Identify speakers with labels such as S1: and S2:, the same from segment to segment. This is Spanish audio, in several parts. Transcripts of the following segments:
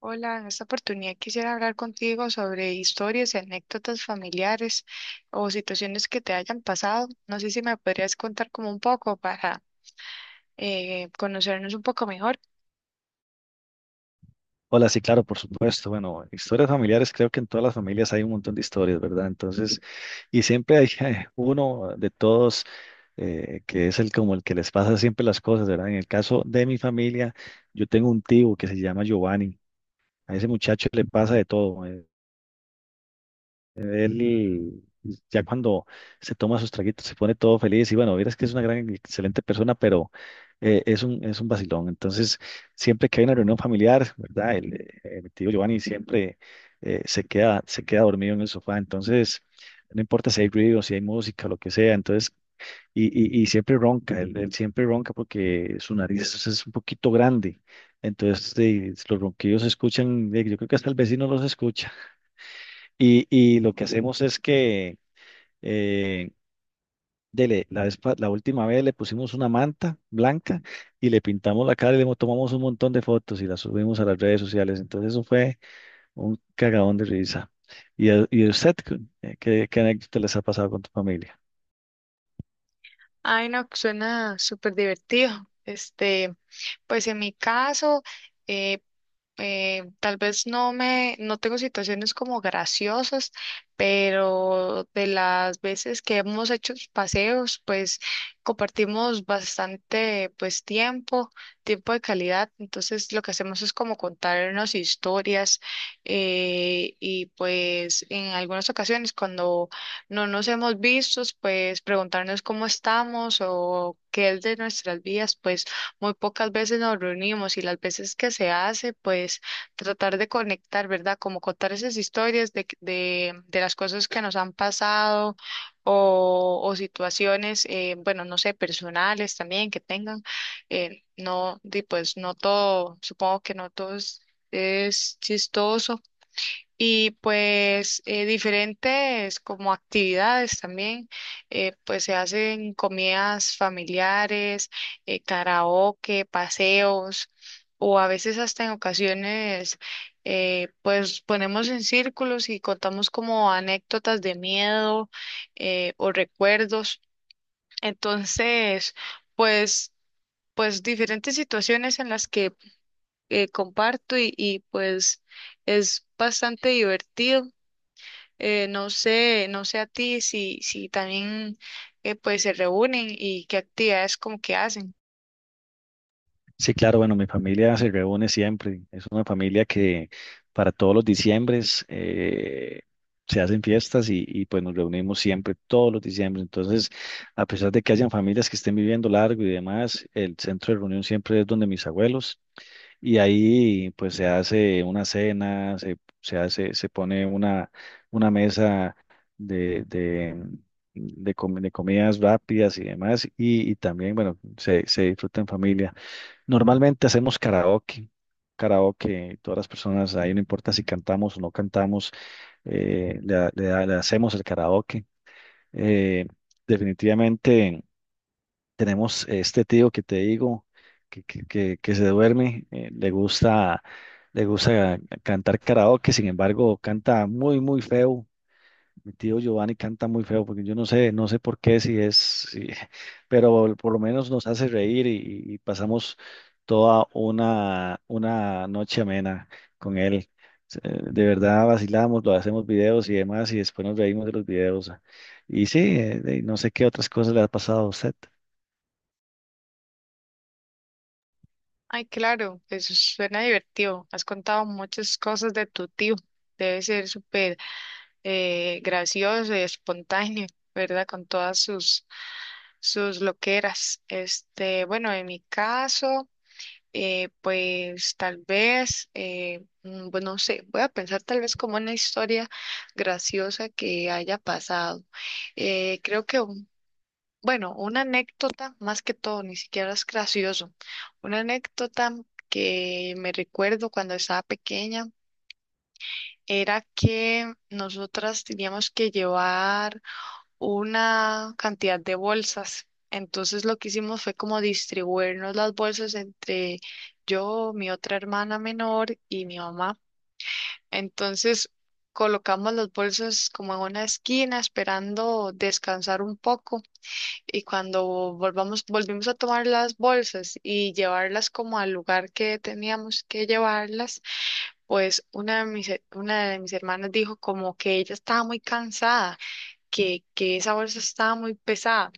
S1: Hola, en esta oportunidad quisiera hablar contigo sobre historias y anécdotas familiares o situaciones que te hayan pasado. No sé si me podrías contar como un poco para conocernos un poco mejor.
S2: Hola, sí, claro, por supuesto. Bueno, historias familiares, creo que en todas las familias hay un montón de historias, ¿verdad? Entonces, y siempre hay uno de todos que es el como el que les pasa siempre las cosas, ¿verdad? En el caso de mi familia, yo tengo un tío que se llama Giovanni. A ese muchacho le pasa de todo. Él ya cuando se toma sus traguitos se pone todo feliz y bueno, verás que es una gran, excelente persona, pero es un vacilón. Entonces, siempre que hay una reunión familiar, ¿verdad? Mi tío Giovanni siempre, se queda dormido en el sofá. Entonces, no importa si hay ruido, si hay música, lo que sea. Entonces, y, y siempre ronca, él siempre ronca porque su nariz es un poquito grande. Entonces, los ronquidos se escuchan, yo creo que hasta el vecino los escucha. Y lo que hacemos es que eh, dele, la, vez pa- la última vez le pusimos una manta blanca y le pintamos la cara y tomamos un montón de fotos y las subimos a las redes sociales. Entonces eso fue un cagadón de risa. ¿ Y a usted qué, qué anécdota les ha pasado con tu familia?
S1: Ay, no, suena súper divertido. Este, pues en mi caso, eh, tal vez no tengo situaciones como graciosas, pero de las veces que hemos hecho paseos, pues compartimos bastante, pues tiempo de calidad. Entonces lo que hacemos es como contarnos historias y pues en algunas ocasiones cuando no nos hemos visto, pues preguntarnos cómo estamos o qué es de nuestras vidas, pues muy pocas veces nos reunimos y las veces que se hace, pues tratar de conectar, ¿verdad? Como contar esas historias de las cosas que nos han pasado o situaciones, bueno, no sé, personales también que tengan. Eh, no, di, pues no todo, supongo que no todo es chistoso y pues diferentes como actividades también, pues se hacen comidas familiares, karaoke, paseos, o a veces hasta en ocasiones, pues ponemos en círculos y contamos como anécdotas de miedo, o recuerdos. Entonces, pues, pues diferentes situaciones en las que comparto y pues es bastante divertido. No sé, a ti si, si también pues se reúnen y qué actividades como que hacen.
S2: Sí, claro, bueno, mi familia se reúne siempre. Es una familia que para todos los diciembres, se hacen fiestas y, pues nos reunimos siempre todos los diciembres. Entonces, a pesar de que hayan familias que estén viviendo largo y demás, el centro de reunión siempre es donde mis abuelos y ahí pues se hace una cena, se hace, se pone una mesa de, de, de comidas rápidas y demás y también, bueno, se disfruta en familia. Normalmente hacemos karaoke, karaoke, todas las personas, ahí no importa si cantamos o no cantamos, le hacemos el karaoke. Eh, Definitivamente tenemos este tío que te digo, que se duerme, le gusta cantar karaoke, sin embargo, canta muy, muy feo. Mi tío Giovanni canta muy feo, porque yo no sé, no sé por qué, si es, si- pero por lo menos nos hace reír y pasamos toda una noche amena con él. De verdad vacilamos, lo hacemos videos y demás, y después nos reímos de los videos. Y sí, no sé qué otras cosas le ha pasado a usted.
S1: Ay, claro, eso suena divertido. Has contado muchas cosas de tu tío. Debe ser súper gracioso y espontáneo, ¿verdad? Con todas sus loqueras. Este, bueno, en mi caso. Pues tal vez, bueno, no sé, voy a pensar tal vez como una historia graciosa que haya pasado. Creo que, bueno, una anécdota, más que todo, ni siquiera es gracioso. Una anécdota que me recuerdo cuando estaba pequeña era que nosotras teníamos que llevar una cantidad de bolsas. Entonces lo que hicimos fue como distribuirnos las bolsas entre yo, mi otra hermana menor y mi mamá. Entonces colocamos las bolsas como en una esquina esperando descansar un poco y cuando volvimos a tomar las bolsas y llevarlas como al lugar que teníamos que llevarlas, pues una de mis hermanas dijo como que ella estaba muy cansada que esa bolsa estaba muy pesada,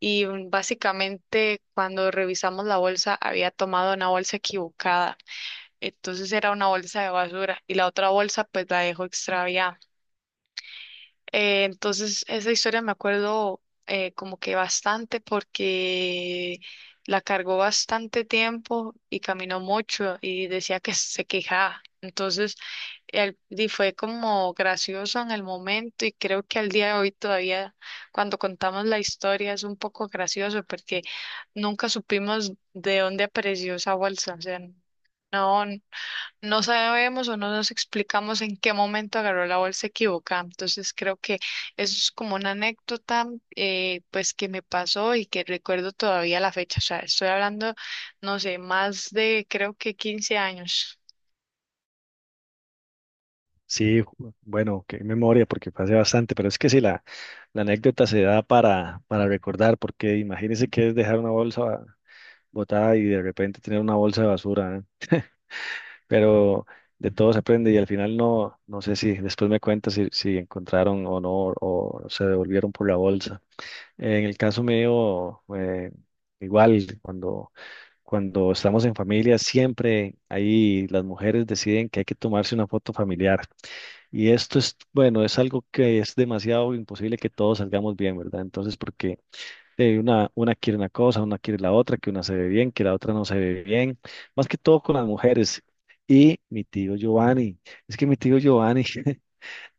S1: y básicamente cuando revisamos la bolsa había tomado una bolsa equivocada, entonces era una bolsa de basura y la otra bolsa pues la dejó extraviada. Entonces, esa historia me acuerdo como que bastante porque la cargó bastante tiempo y caminó mucho y decía que se quejaba. Entonces, y fue como gracioso en el momento, y creo que al día de hoy todavía cuando contamos la historia es un poco gracioso, porque nunca supimos de dónde apareció esa bolsa. O sea, no. No sabemos o no nos explicamos en qué momento agarró la bolsa equivocada. Entonces creo que eso es como una anécdota pues que me pasó y que recuerdo todavía la fecha. O sea, estoy hablando, no sé, más de creo que 15 años.
S2: Sí, bueno, qué memoria, porque pasé bastante, pero es que sí, la anécdota se da para recordar, porque imagínese que es dejar una bolsa botada y de repente tener una bolsa de basura, ¿eh? Pero de todo se aprende y al final no, no sé si después me cuentas si, si encontraron o no o se devolvieron por la bolsa. En el caso mío, igual, cuando, cuando estamos en familia, siempre ahí las mujeres deciden que hay que tomarse una foto familiar. Y esto es, bueno, es algo que es demasiado imposible que todos salgamos bien, ¿verdad? Entonces, porque una quiere una cosa, una quiere la otra, que una se ve bien, que la otra no se ve bien, más que todo con las mujeres. Y mi tío Giovanni, es que mi tío Giovanni,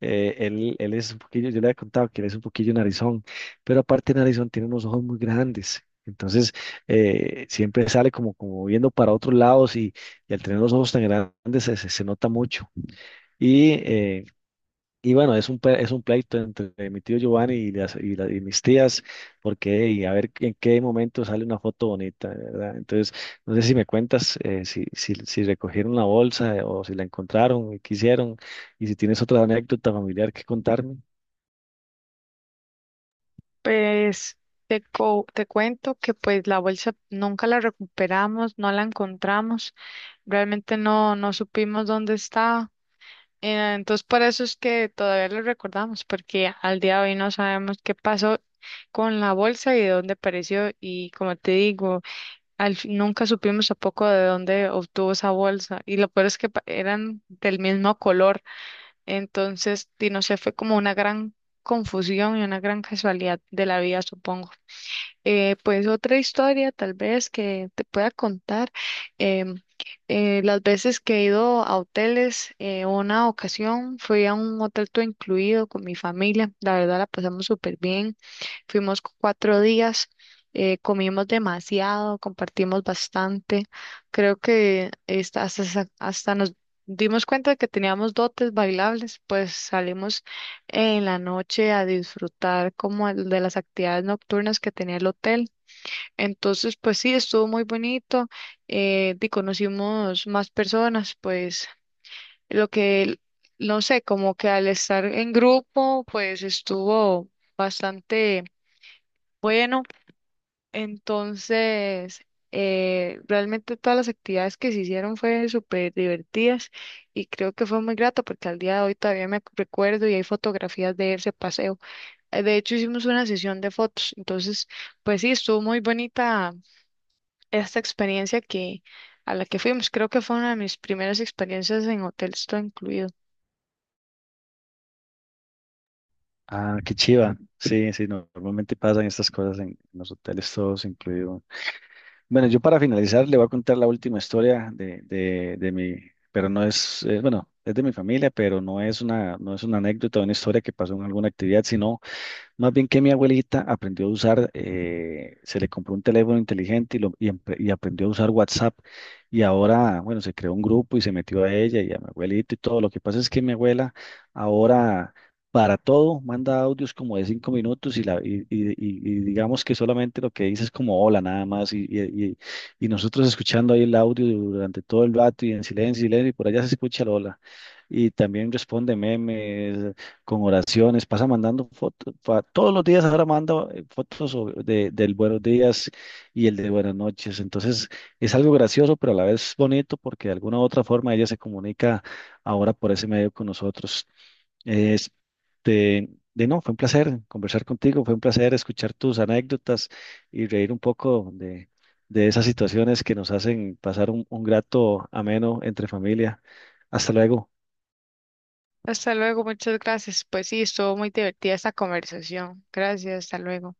S2: él es un poquillo, yo le había contado que él es un poquillo narizón, pero aparte de narizón tiene unos ojos muy grandes. Entonces, siempre sale como, como viendo para otros lados y al tener los ojos tan grandes se nota mucho. Y eh, y bueno, es un pleito entre mi tío Giovanni y mis tías, porque y a ver en qué momento sale una foto bonita, ¿verdad? Entonces, no sé si me cuentas, si recogieron la bolsa, o si la encontraron y qué hicieron, y si tienes otra anécdota familiar que contarme.
S1: Pues te cuento que pues la bolsa nunca la recuperamos, no la encontramos, realmente no, no supimos dónde estaba. Entonces, por eso es que todavía lo recordamos, porque al día de hoy no sabemos qué pasó con la bolsa y de dónde apareció. Y como te digo, nunca supimos tampoco de dónde obtuvo esa bolsa. Y lo peor es que eran del mismo color. Entonces, y no sé, fue como una gran confusión y una gran casualidad de la vida, supongo. Pues otra historia tal vez que te pueda contar. em, las veces que he ido a hoteles, una ocasión fui a un hotel todo incluido con mi familia. La verdad la pasamos súper bien. Fuimos cuatro días, comimos demasiado, compartimos bastante. Creo que hasta nos dimos cuenta de que teníamos dotes bailables, pues salimos en la noche a disfrutar como el de las actividades nocturnas que tenía el hotel. Entonces, pues sí, estuvo muy bonito, y conocimos más personas, pues lo que, el- no sé, como que al estar en grupo, pues estuvo bastante bueno. Entonces... realmente todas las actividades que se hicieron fue súper divertidas y creo que fue muy grato porque al día de hoy todavía me recuerdo y hay fotografías de ese paseo. De hecho, hicimos una sesión de fotos. Entonces, pues sí, estuvo muy bonita esta experiencia que a la que fuimos. Creo que fue una de mis primeras experiencias en hoteles, todo incluido.
S2: Ah, qué chiva. Sí, sí, no, normalmente pasan estas cosas en los hoteles, todos incluidos. Bueno, yo para finalizar le voy a contar la última historia de mi, pero no es, bueno, es de mi familia, pero no es una, no es una anécdota, una historia que pasó en alguna actividad, sino más bien que mi abuelita aprendió a usar, se le compró un teléfono inteligente y aprendió a usar WhatsApp y ahora, bueno, se creó un grupo y se metió a ella y a mi abuelita y todo. Lo que pasa es que mi abuela ahora para todo manda audios como de 5 minutos y digamos que solamente lo que dice es como hola nada más y nosotros escuchando ahí el audio durante todo el rato y en silencio, silencio y por allá se escucha el hola. Y también responde memes, con oraciones, pasa mandando fotos, todos los días ahora manda, fotos del buenos días y el de buenas noches. Entonces es algo gracioso, pero a la vez bonito porque de alguna u otra forma ella se comunica ahora por ese medio con nosotros. Este, de no, fue un placer conversar contigo, fue un placer escuchar tus anécdotas y reír un poco de esas situaciones que nos hacen pasar un grato ameno entre familia. Hasta luego.
S1: Hasta luego, muchas gracias. Pues sí, estuvo muy divertida esta conversación. Gracias, hasta luego.